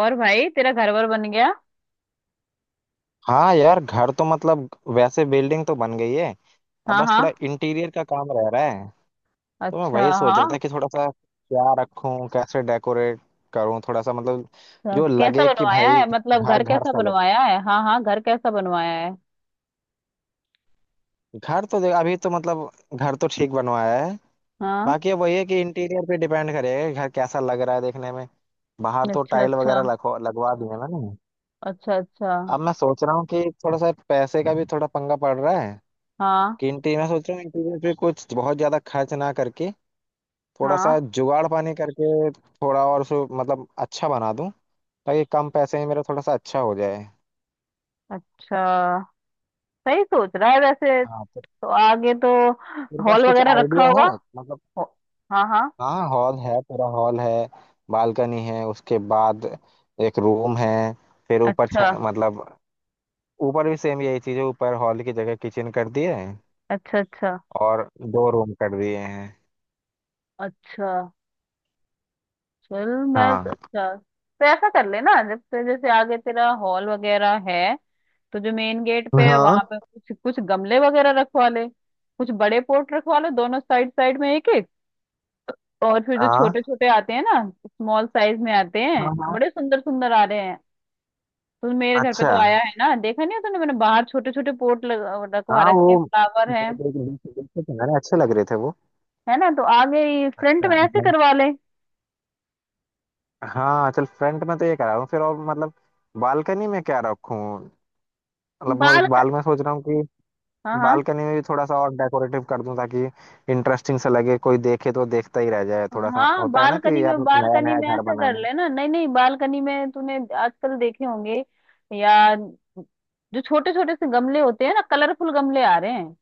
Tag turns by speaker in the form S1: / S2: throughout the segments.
S1: और भाई तेरा घर वर बन गया।
S2: हाँ यार, घर तो मतलब वैसे बिल्डिंग तो बन गई है। अब
S1: हाँ
S2: बस
S1: हाँ।
S2: थोड़ा इंटीरियर का काम रह रहा है। तो मैं
S1: अच्छा।
S2: वही सोच रहा था
S1: हाँ,
S2: कि थोड़ा सा क्या रखूं, कैसे डेकोरेट करूं, थोड़ा सा मतलब
S1: तो
S2: जो
S1: कैसा
S2: लगे कि
S1: बनवाया
S2: भाई
S1: है, मतलब
S2: घर
S1: घर
S2: घर
S1: कैसा
S2: सा लगे।
S1: बनवाया है? हाँ हाँ, घर कैसा बनवाया है?
S2: घर तो देख, अभी तो मतलब घर तो ठीक बनवाया है।
S1: हाँ।
S2: बाकी अब वही है कि इंटीरियर पे डिपेंड करेगा कि घर कैसा लग रहा है देखने में। बाहर तो
S1: अच्छा
S2: टाइल
S1: अच्छा।
S2: वगैरह लगवा लगवा दिए मैंने।
S1: अच्छा अच्छा।
S2: अब मैं सोच रहा हूँ कि थोड़ा सा पैसे का भी थोड़ा पंगा पड़ रहा है
S1: हाँ
S2: कि इंटीरियर, मैं सोच रहा हूँ इंटीरियर पे कुछ बहुत ज्यादा खर्च ना करके थोड़ा
S1: हाँ।
S2: सा जुगाड़ पानी करके थोड़ा और सो मतलब अच्छा बना दूं, ताकि कम पैसे में मेरा थोड़ा सा अच्छा हो जाए।
S1: अच्छा। सही सोच रहा है वैसे।
S2: हाँ
S1: तो
S2: तो
S1: आगे तो
S2: तेरे पास
S1: हॉल
S2: कुछ
S1: वगैरह रखा
S2: आइडिया
S1: होगा।
S2: है? मतलब
S1: हो- हाँ हाँ।
S2: हाँ हॉल है, पूरा हॉल है। बालकनी है उसके बाद। एक रूम है। फिर ऊपर
S1: अच्छा
S2: मतलब ऊपर भी सेम यही चीज है। ऊपर हॉल की जगह किचन कर दिए है
S1: अच्छा। अच्छा
S2: और दो रूम कर दिए हैं।
S1: अच्छा। चल। मैं
S2: हाँ
S1: अच्छा, तो ऐसा कर लेना, जब से जैसे आगे तेरा हॉल वगैरह है तो जो मेन गेट पे है वहां
S2: हाँ
S1: पे कुछ कुछ गमले वगैरह रखवा ले। कुछ बड़े पॉट रखवा ले, दोनों साइड साइड में एक एक। और फिर जो
S2: हाँ
S1: छोटे छोटे आते हैं ना, स्मॉल साइज में आते हैं,
S2: हाँ हाँ।
S1: बड़े सुंदर सुंदर आ रहे हैं। तो मेरे घर पे
S2: अच्छा।
S1: तो आया है ना, देखा नहीं है तूने? मैंने बाहर छोटे छोटे पॉट रखवा
S2: हाँ वो
S1: रखे हैं, फ्लावर
S2: वो
S1: हैं।
S2: देख देख देखे थे मैंने, अच्छे लग रहे थे वो।
S1: है ना, तो आगे फ्रंट
S2: अच्छा,
S1: में ऐसे करवा ले।
S2: हाँ चल फ्रंट में तो ये करा रहा हूँ फिर, और मतलब बालकनी में क्या रखूँ? मतलब
S1: बाल
S2: मैं बाल में सोच रहा हूँ कि
S1: हाँ हाँ।
S2: बालकनी में भी थोड़ा सा और डेकोरेटिव कर दूँ ताकि इंटरेस्टिंग सा लगे, कोई देखे तो देखता ही रह जाए। थोड़ा सा
S1: हाँ,
S2: होता है ना
S1: बालकनी
S2: कि यार
S1: में
S2: नया
S1: बालकनी
S2: नया
S1: में
S2: घर
S1: ऐसे
S2: बना
S1: कर
S2: है।
S1: लेना, नहीं नहीं, बालकनी में तूने आजकल देखे होंगे, या जो छोटे छोटे से गमले होते हैं ना, कलरफुल गमले आ रहे हैं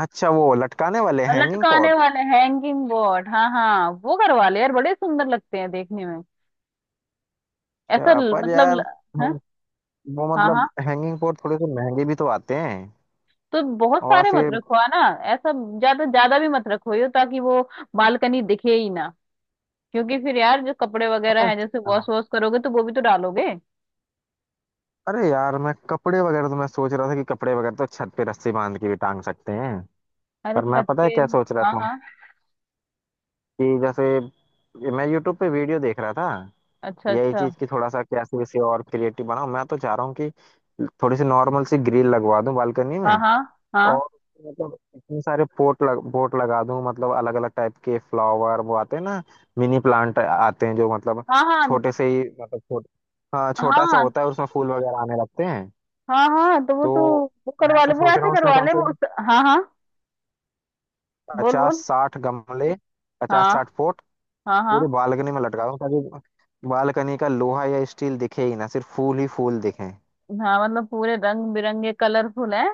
S2: अच्छा, वो लटकाने वाले
S1: और
S2: हैंगिंग
S1: लटकाने
S2: पॉट?
S1: वाले हैंगिंग बोर्ड। हाँ हाँ, वो करवा ले यार, बड़े सुंदर लगते हैं देखने में। ऐसा
S2: पर यार
S1: हाँ
S2: हैं- वो
S1: हाँ। हाँ,
S2: मतलब हैंगिंग पॉट थोड़े से महंगे भी तो आते हैं।
S1: तो बहुत
S2: और
S1: सारे मत
S2: फिर
S1: रखवा ना। ऐसा ज्यादा ज्यादा भी मत रखवाइयो ताकि वो बालकनी दिखे ही ना। क्योंकि फिर यार जो कपड़े वगैरह
S2: पता
S1: हैं, जैसे
S2: है- हाँ।
S1: वॉश वॉश करोगे तो वो भी तो डालोगे।
S2: अरे यार, मैं कपड़े वगैरह तो मैं सोच रहा था कि कपड़े वगैरह तो छत पे रस्सी बांध के भी टांग सकते हैं।
S1: अरे
S2: पर मैं
S1: छत
S2: पता है
S1: के।
S2: क्या सोच रहा
S1: हाँ
S2: था
S1: हाँ।
S2: कि जैसे मैं यूट्यूब पे वीडियो देख रहा था
S1: अच्छा
S2: यही
S1: अच्छा।
S2: चीज की थोड़ा सा कैसे इसे और क्रिएटिव बनाऊं। मैं तो चाह रहा हूँ कि थोड़ी सी नॉर्मल सी ग्रिल लगवा दूं बालकनी में।
S1: हाँ हाँ हाँ
S2: और मतलब इतने सारे पोट लगा दूं, मतलब अलग अलग टाइप के फ्लावर वो आते हैं ना, मिनी प्लांट आते हैं जो मतलब
S1: हाँ
S2: छोटे से ही मतलब हाँ
S1: हाँ
S2: छोटा सा
S1: हाँ
S2: होता है उसमें फूल वगैरह आने लगते हैं।
S1: हाँ हाँ,
S2: तो
S1: तो वो
S2: मैं
S1: करवा
S2: तो
S1: ले, वो
S2: सोच रहा
S1: ऐसे
S2: हूँ उसमें
S1: करवा
S2: कम
S1: ले,
S2: से
S1: वो
S2: कम
S1: हाँ हाँ। बोल
S2: पचास
S1: बोल।
S2: साठ गमले, पचास
S1: हाँ
S2: साठ पोट
S1: हाँ
S2: पूरे
S1: हाँ
S2: बालकनी में लटका दूं, ताकि बालकनी का लोहा या स्टील दिखे ही ना, सिर्फ फूल ही फूल दिखे।
S1: हाँ, मतलब पूरे रंग बिरंगे कलरफुल है।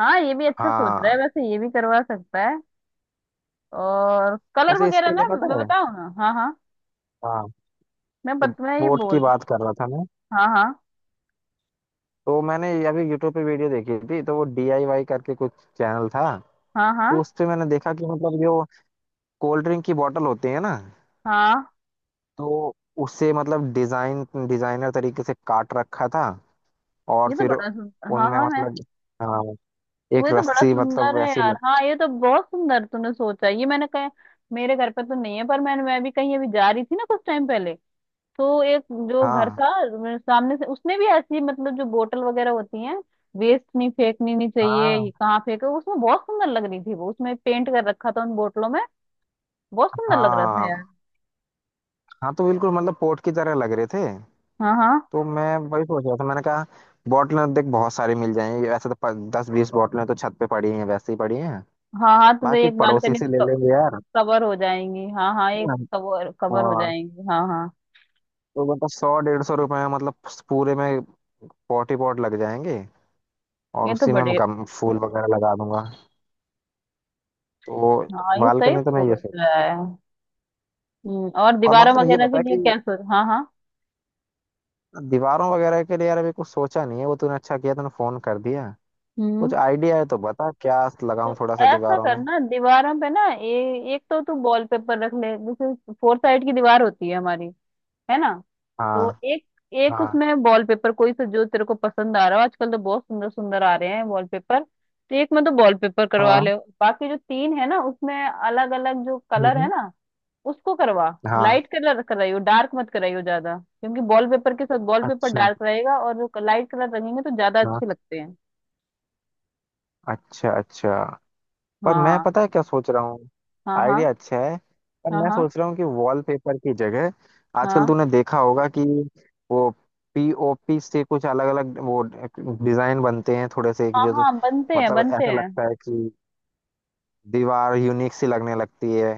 S1: हाँ, ये भी अच्छा सोच रहा है
S2: हाँ
S1: वैसे, ये भी करवा सकता है। और कलर
S2: वैसे
S1: वगैरह
S2: इसके
S1: ना
S2: लिए पता
S1: मैं
S2: है,
S1: बताऊँ ना? हाँ हाँ।
S2: हाँ
S1: मैं ये
S2: बोट
S1: बोल
S2: की
S1: रही।
S2: बात कर रहा था मैं।
S1: हाँ हाँ
S2: तो मैंने अभी यूट्यूब पे वीडियो देखी थी तो वो डीआईवाई करके कुछ चैनल था।
S1: हाँ हाँ
S2: तो उस पे मैंने देखा कि मतलब जो कोल्ड ड्रिंक की बोतल होती है ना,
S1: हाँ।
S2: तो उसे मतलब डिजाइन, डिजाइनर तरीके से काट रखा था, और
S1: ये तो
S2: फिर
S1: बड़ा सुन हाँ
S2: उनमें
S1: हाँ। मैं
S2: मतलब हाँ
S1: तो,
S2: एक
S1: ये तो बड़ा
S2: रस्सी मतलब
S1: सुंदर है
S2: वैसी
S1: यार,
S2: लग।
S1: हाँ ये तो बहुत सुंदर तूने सोचा, ये मैंने कहा। मेरे घर पे तो नहीं है, पर मैं भी कहीं अभी जा रही थी ना कुछ टाइम पहले। तो एक, जो घर
S2: हाँ
S1: था मेरे सामने से, उसने भी ऐसी मतलब जो बोतल वगैरह होती है, वेस्ट नहीं, फेंकनी नहीं चाहिए ये,
S2: हाँ
S1: कहाँ फेंके, उसमें बहुत सुंदर लग रही थी वो, उसमें पेंट कर रखा था उन बोतलों में। बहुत सुंदर लग रहा था यार।
S2: हाँ हाँ, तो बिल्कुल मतलब पोर्ट की तरह लग रहे थे।
S1: हाँ हाँ
S2: तो मैं वही सोच रहा था, मैंने कहा बॉटलें देख बहुत सारी मिल जाएंगी, वैसे तो दस बीस बॉटलें तो छत पे पड़ी हैं, वैसे ही पड़ी हैं।
S1: हाँ हाँ, तो वे
S2: बाकी
S1: एक
S2: पड़ोसी
S1: बालकनी
S2: से ले
S1: तो
S2: लेंगे यार,
S1: कवर हो जाएंगी। हाँ हाँ,
S2: है
S1: एक
S2: ना?
S1: कवर कवर हो
S2: और
S1: जाएंगी। हाँ हाँ।
S2: तो मतलब सौ डेढ़ सौ रुपए में मतलब पूरे में पॉट ही पॉट लग जाएंगे, और
S1: ये तो
S2: उसी में मैं
S1: बड़े,
S2: फूल वगैरह लगा दूंगा। तो
S1: हाँ ये सही
S2: बालकनी तो मैं ये
S1: सोच
S2: सोच,
S1: रहा है। और
S2: और
S1: दीवारों
S2: मतलब ये
S1: वगैरह के
S2: बता
S1: लिए
S2: कि
S1: क्या सोच? हाँ हाँ।
S2: दीवारों वगैरह के लिए यार अभी कुछ सोचा नहीं है, वो तूने अच्छा किया तूने फोन कर दिया।
S1: हम्म,
S2: कुछ आइडिया है तो बता क्या
S1: तो
S2: लगाऊं थोड़ा सा
S1: ऐसा
S2: दीवारों में।
S1: करना दीवारों पे ना, एक तो तू वॉलपेपर रख ले, जैसे फोर साइड की दीवार होती है हमारी, है ना? तो
S2: हाँ
S1: एक एक
S2: हाँ
S1: उसमें वॉलपेपर, कोई सा जो तेरे को पसंद आ रहा हो, आजकल तो बहुत सुंदर सुंदर आ रहे हैं वॉलपेपर, तो एक में तो वॉलपेपर करवा
S2: हाँ।
S1: ले। बाकी जो तीन है ना, उसमें अलग अलग जो
S2: हम्म,
S1: कलर है
S2: हम्म,
S1: ना, उसको करवा।
S2: हाँ।
S1: लाइट कलर कराइयो, डार्क मत कराइयो ज्यादा, क्योंकि वॉलपेपर के साथ वॉलपेपर
S2: अच्छा।
S1: डार्क रहेगा और जो लाइट कलर रंगेंगे तो ज्यादा
S2: हाँ
S1: अच्छे लगते हैं।
S2: अच्छा अच्छा। पर मैं
S1: हाँ
S2: पता है क्या सोच रहा हूँ,
S1: हाँ हाँ
S2: आइडिया अच्छा है, पर
S1: हाँ
S2: मैं
S1: हाँ
S2: सोच रहा हूँ कि वॉलपेपर की जगह आजकल
S1: हाँ
S2: तूने देखा होगा कि वो पीओपी से कुछ अलग अलग वो डिजाइन बनते हैं थोड़े से
S1: हाँ
S2: जो जो-
S1: हाँ, बनते हैं
S2: मतलब
S1: बनते
S2: ऐसा
S1: हैं।
S2: लगता है कि दीवार यूनिक सी लगने लगती है,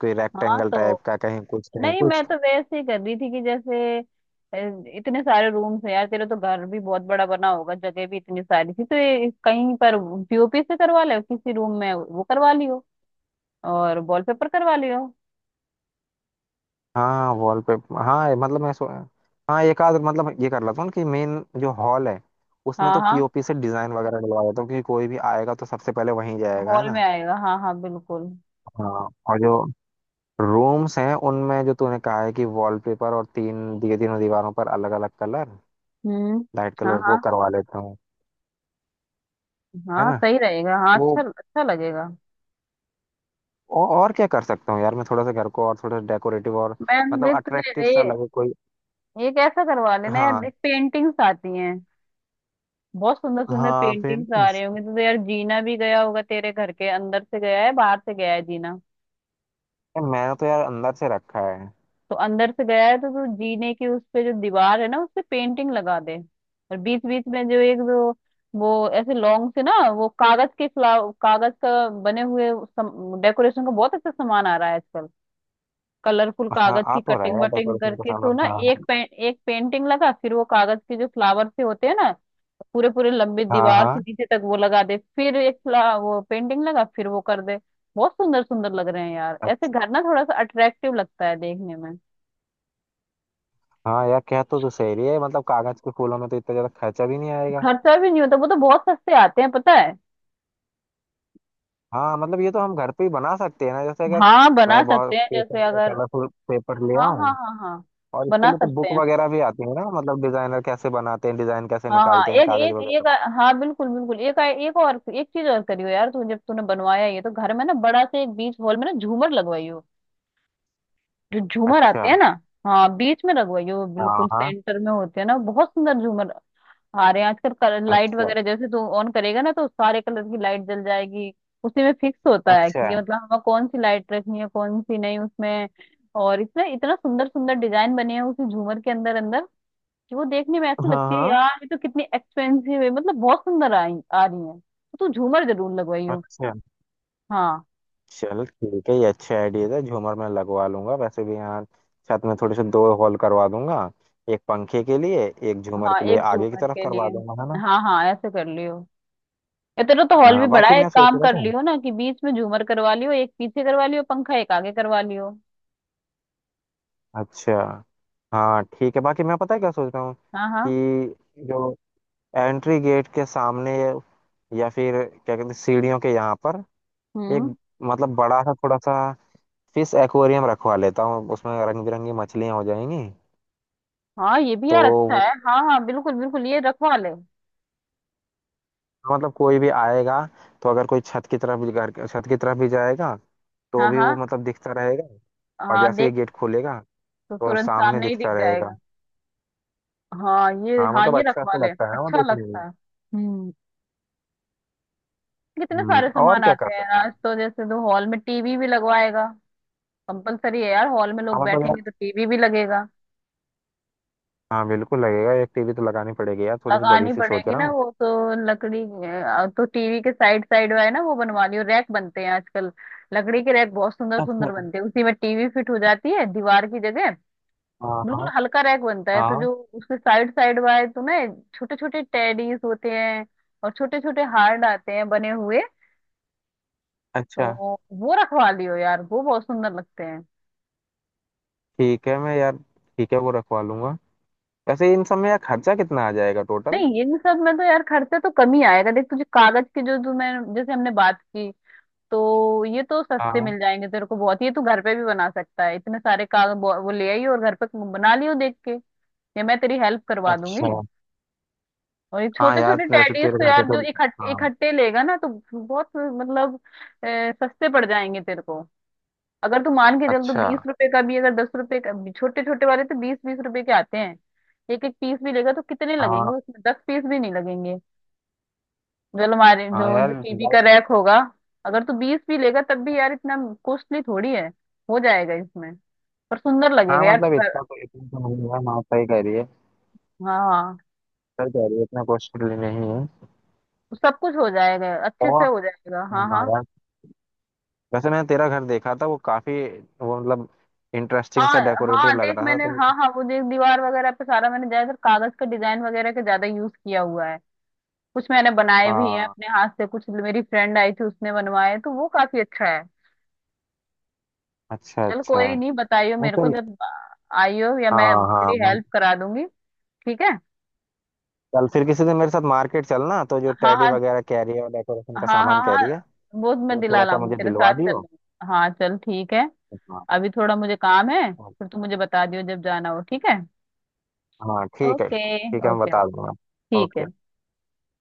S2: कोई
S1: हाँ
S2: रेक्टेंगल टाइप
S1: तो
S2: का, कहीं कुछ कहीं
S1: नहीं,
S2: कुछ।
S1: मैं तो वैसे ही कर रही थी कि जैसे इतने सारे रूम्स हैं यार, तेरा तो घर भी बहुत बड़ा बना होगा, जगह भी इतनी सारी थी तो ये कहीं पर पीओपी से करवा ले किसी रूम में, वो करवा लियो, और वॉलपेपर करवा लियो।
S2: हाँ वॉलपेपर, हाँ मतलब मैं सो हाँ, एक आध मतलब ये कर लेता हूँ कि मेन जो हॉल है उसमें
S1: हाँ
S2: तो
S1: हाँ,
S2: पीओपी से डिजाइन वगैरह डलवा देता हूँ, क्योंकि कोई भी आएगा तो सबसे पहले वहीं जाएगा, है
S1: हॉल में
S2: ना।
S1: आएगा, हाँ हाँ बिल्कुल।
S2: हाँ, और जो रूम्स हैं उनमें जो तूने कहा है कि वॉलपेपर और तीन दिए, तीनों दीवारों पर अलग अलग कलर,
S1: हम्म,
S2: लाइट
S1: हाँ
S2: कलर वो
S1: हाँ
S2: करवा लेता हूँ। है
S1: हाँ,
S2: ना,
S1: सही रहेगा, हाँ
S2: तो
S1: अच्छा अच्छा लगेगा।
S2: और क्या कर सकता हूँ यार, मैं थोड़ा सा घर को और थोड़ा डेकोरेटिव और
S1: मैं
S2: मतलब
S1: देख
S2: अट्रैक्टिव
S1: तुझे
S2: सा
S1: ये
S2: लगे कोई।
S1: एक ऐसा करवा लेना यार,
S2: हाँ
S1: देख पेंटिंग्स आती हैं, बहुत सुंदर सुंदर
S2: हाँ
S1: पेंटिंग्स आ रहे
S2: पेंटिंग्स,
S1: होंगे। तो यार जीना भी गया होगा तेरे घर के, अंदर से गया है, बाहर से गया है जीना?
S2: मैंने तो यार अंदर से रखा है।
S1: तो अंदर से गया है, तो तू जीने की, उस पे जो दीवार है ना, उस पे पेंटिंग लगा दे। और बीच बीच में जो एक, जो वो ऐसे लॉन्ग से ना, वो कागज के फ्लावर, कागज का बने हुए, डेकोरेशन का बहुत अच्छा सामान आ रहा है आजकल, कलरफुल
S2: हाँ,
S1: कागज
S2: आ
S1: की
S2: तो रहा
S1: कटिंग
S2: है
S1: वटिंग
S2: डेकोरेशन का
S1: करके तो
S2: सामान,
S1: ना,
S2: हाँ
S1: एक पेंटिंग लगा, फिर वो कागज के जो फ्लावर से होते हैं ना, पूरे पूरे लंबी
S2: हाँ
S1: दीवार
S2: हाँ।
S1: से नीचे तक वो लगा दे, फिर एक वो पेंटिंग लगा फिर वो कर दे। बहुत सुंदर सुंदर लग रहे हैं यार, ऐसे
S2: अच्छा,
S1: घर ना थोड़ा सा अट्रैक्टिव लगता है देखने में।
S2: हाँ यार कह तो तू सही रही है, मतलब कागज के फूलों में तो इतना ज्यादा खर्चा भी नहीं आएगा।
S1: खर्चा भी नहीं होता, वो तो बहुत सस्ते आते हैं, पता है।
S2: हाँ मतलब ये तो हम घर पे ही बना सकते हैं ना, जैसे अगर
S1: हाँ बना
S2: मैं
S1: सकते
S2: बहुत
S1: हैं जैसे
S2: पेपर,
S1: अगर,
S2: कलरफुल पेपर ले
S1: हाँ हाँ
S2: आऊँ।
S1: हाँ हाँ
S2: और इसके
S1: बना
S2: लिए तो
S1: सकते
S2: बुक
S1: हैं,
S2: वगैरह भी आती है ना, मतलब डिजाइनर कैसे बनाते हैं, डिजाइन कैसे
S1: हाँ हाँ,
S2: निकालते हैं
S1: एक
S2: कागज
S1: एक
S2: वगैरह
S1: एक, हाँ बिल्कुल बिल्कुल, एक एक और एक चीज और करियो यार, तू जब तूने बनवाया ये, तो घर में ना बड़ा से एक बीच हॉल में ना झूमर लगवाइयो, जो
S2: पे।
S1: झूमर
S2: अच्छा।
S1: आते हैं ना। हाँ बीच में लगवाइयो,
S2: हाँ
S1: बिल्कुल
S2: हाँ।
S1: सेंटर में होते हैं ना, बहुत सुंदर झूमर आ रहे हैं आजकल, लाइट
S2: अच्छा
S1: वगैरह जैसे तू ऑन करेगा ना तो सारे कलर की लाइट जल जाएगी। उसी में फिक्स होता है
S2: अच्छा।
S1: कि ये, मतलब हमें कौन सी लाइट रखनी है कौन सी नहीं उसमें। और इतना इतना सुंदर सुंदर डिजाइन बने हैं उसी झूमर के अंदर अंदर। वो देखने में ऐसे
S2: हाँ
S1: लगती है
S2: हाँ।
S1: यार, ये तो कितनी एक्सपेंसिव है, मतलब बहुत सुंदर आई आ रही है, तो तू झूमर जरूर लगवाई हो।
S2: अच्छा।
S1: हाँ
S2: चलो ठीक है, ये अच्छा आइडिया था, झूमर मैं लगवा लूंगा। वैसे भी यहाँ छत में थोड़े से दो हॉल करवा दूंगा, एक पंखे के लिए, एक झूमर
S1: हाँ,
S2: के लिए
S1: एक
S2: आगे की
S1: झूमर
S2: तरफ
S1: के लिए,
S2: करवा दूंगा, है ना।
S1: हाँ हाँ ऐसे कर लियो। ये तेरा तो हॉल भी
S2: हाँ
S1: बड़ा
S2: बाकी
S1: है, एक
S2: मैं सोच
S1: काम
S2: रहा
S1: कर
S2: था,
S1: लियो ना कि बीच में झूमर करवा लियो, एक पीछे करवा लियो पंखा, एक आगे करवा लियो।
S2: अच्छा, हाँ ठीक है बाकी मैं पता है क्या सोच रहा हूँ
S1: हाँ हाँ।
S2: कि जो एंट्री गेट के सामने या फिर क्या कहते हैं, सीढ़ियों के यहाँ पर
S1: हम्म,
S2: एक मतलब बड़ा सा थोड़ा सा फिश एक्वेरियम रखवा लेता हूँ, उसमें रंग बिरंगी मछलियाँ हो जाएंगी।
S1: हाँ, ये भी यार
S2: तो
S1: अच्छा है, हाँ हाँ बिल्कुल बिल्कुल ये रखवा ले।
S2: मतलब कोई भी आएगा, तो अगर कोई छत की तरफ भी छत की तरफ भी जाएगा तो
S1: हाँ
S2: भी वो
S1: हाँ
S2: मतलब दिखता रहेगा, और
S1: हाँ,
S2: जैसे ही
S1: देख,
S2: गेट खुलेगा
S1: तो
S2: तो
S1: तुरंत
S2: सामने
S1: सामने ही दिख
S2: दिखता रहेगा।
S1: जाएगा। हाँ ये,
S2: हाँ
S1: हाँ
S2: मतलब
S1: ये
S2: अच्छा
S1: रखवा
S2: सा
S1: ले,
S2: लगता है ना वो
S1: अच्छा
S2: देखने में।
S1: लगता है। हम्म। कितने सारे
S2: और
S1: सामान
S2: क्या
S1: आते
S2: कर
S1: हैं
S2: सकते
S1: आज, तो जैसे तो हॉल में टीवी भी लगवाएगा, कंपलसरी है यार, हॉल में
S2: हैं,
S1: लोग
S2: हाँ मतलब यार
S1: बैठेंगे तो टीवी भी लगेगा।
S2: हाँ बिल्कुल लगेगा, एक टीवी तो लगानी पड़ेगी यार, थोड़ी सी बड़ी
S1: लगानी
S2: सी सोच
S1: पड़ेगी
S2: रहा
S1: ना
S2: हूँ।
S1: वो तो। लकड़ी तो टीवी के साइड साइड है ना, वो बनवा लियो, रैक बनते हैं आजकल। लकड़ी के रैक बहुत सुंदर सुंदर
S2: अच्छा
S1: बनते हैं, उसी में टीवी फिट हो जाती है दीवार की जगह।
S2: हाँ
S1: बिल्कुल
S2: हाँ।
S1: हल्का रैक बनता है, तो
S2: हाँ,
S1: जो उसके साइड साइड वाले तो ना, छोटे छोटे टेडीज होते हैं और छोटे छोटे हार्ड आते हैं बने हुए।
S2: अच्छा
S1: तो वो रखवा लियो यार, वो बहुत सुंदर लगते हैं।
S2: ठीक है मैं यार, ठीक है वो रखवा लूंगा। वैसे इन सब में यार खर्चा कितना आ जाएगा टोटल?
S1: नहीं, इन सब में तो यार खर्चा तो कम ही आएगा। देख, तुझे कागज के जो जो, मैं जैसे हमने बात की, तो ये तो सस्ते
S2: हाँ,
S1: मिल जाएंगे तेरे को बहुत, ये तू घर पे भी बना सकता है, इतने सारे कागज वो ले आई और घर पे बना लियो देख के। ये मैं तेरी हेल्प करवा दूंगी।
S2: अच्छा,
S1: और ये
S2: हाँ
S1: छोटे
S2: यार
S1: छोटे
S2: वैसे
S1: टेडीज
S2: तेरे
S1: तो
S2: घर पे
S1: यार जो
S2: तो
S1: इकट्ठे
S2: हाँ।
S1: इकट्ठे लेगा ना, तो बहुत मतलब सस्ते पड़ जाएंगे तेरे को। अगर तू मान के चल तो
S2: अच्छा,
S1: बीस रुपए का भी, अगर 10 रुपए का भी, छोटे छोटे वाले तो 20-20 रुपए के आते हैं। एक एक पीस भी लेगा तो कितने लगेंगे?
S2: हाँ
S1: उसमें 10 पीस भी नहीं लगेंगे। जो हमारे
S2: हाँ
S1: जो
S2: यार
S1: जो टीवी का
S2: ज्यादा-
S1: रैक होगा, अगर तू 20 भी लेगा तब भी यार इतना कॉस्टली थोड़ी है, हो जाएगा इसमें। पर सुंदर
S2: हाँ
S1: लगेगा यार तो
S2: मतलब
S1: घर।
S2: इतना तो, इतना तो नहीं है, माँ सही कह रही है,
S1: हाँ हाँ,
S2: सही कह रही है, इतना कॉस्टली नहीं है।
S1: सब कुछ हो जाएगा अच्छे से
S2: और
S1: हो जाएगा। हाँ
S2: हाँ
S1: हाँ
S2: यार वैसे मैंने तेरा घर देखा था वो काफी वो मतलब इंटरेस्टिंग सा
S1: हाँ हाँ।
S2: डेकोरेटिव लग
S1: देख
S2: रहा था
S1: मैंने, हाँ
S2: तो।
S1: हाँ, वो देख दीवार वगैरह पे सारा मैंने ज्यादातर कागज का डिजाइन वगैरह का ज्यादा यूज किया हुआ है। कुछ मैंने बनाए भी हैं
S2: हाँ,
S1: अपने हाथ से, कुछ मेरी फ्रेंड आई थी उसने बनवाए, तो वो काफी अच्छा है।
S2: अच्छा
S1: चल,
S2: अच्छा।
S1: कोई नहीं, बताइयो
S2: नहीं,
S1: मेरे को
S2: चल।
S1: जब आइयो, या मैं
S2: हाँ हाँ
S1: तेरी हेल्प करा दूंगी, ठीक है?
S2: चल फिर किसी दिन मेरे साथ मार्केट चलना, तो जो
S1: हाँ
S2: टेडी
S1: हाँ
S2: वगैरह कह रही है और डेकोरेशन का
S1: हाँ हाँ
S2: सामान कह
S1: हाँ।
S2: रही है
S1: वो मैं
S2: वो
S1: दिला
S2: थोड़ा सा
S1: लाऊंगी,
S2: मुझे
S1: तेरे
S2: दिलवा
S1: साथ चल
S2: दियो।
S1: लूंगी, हाँ चल ठीक है।
S2: हाँ।
S1: अभी थोड़ा मुझे काम है,
S2: हाँ,
S1: फिर तू मुझे बता दियो जब जाना हो, ठीक है?
S2: हाँ, ठीक है
S1: ओके।
S2: ठीक है, मैं
S1: ओके ओके।
S2: बता दूंगा।
S1: ठीक है।
S2: ओके।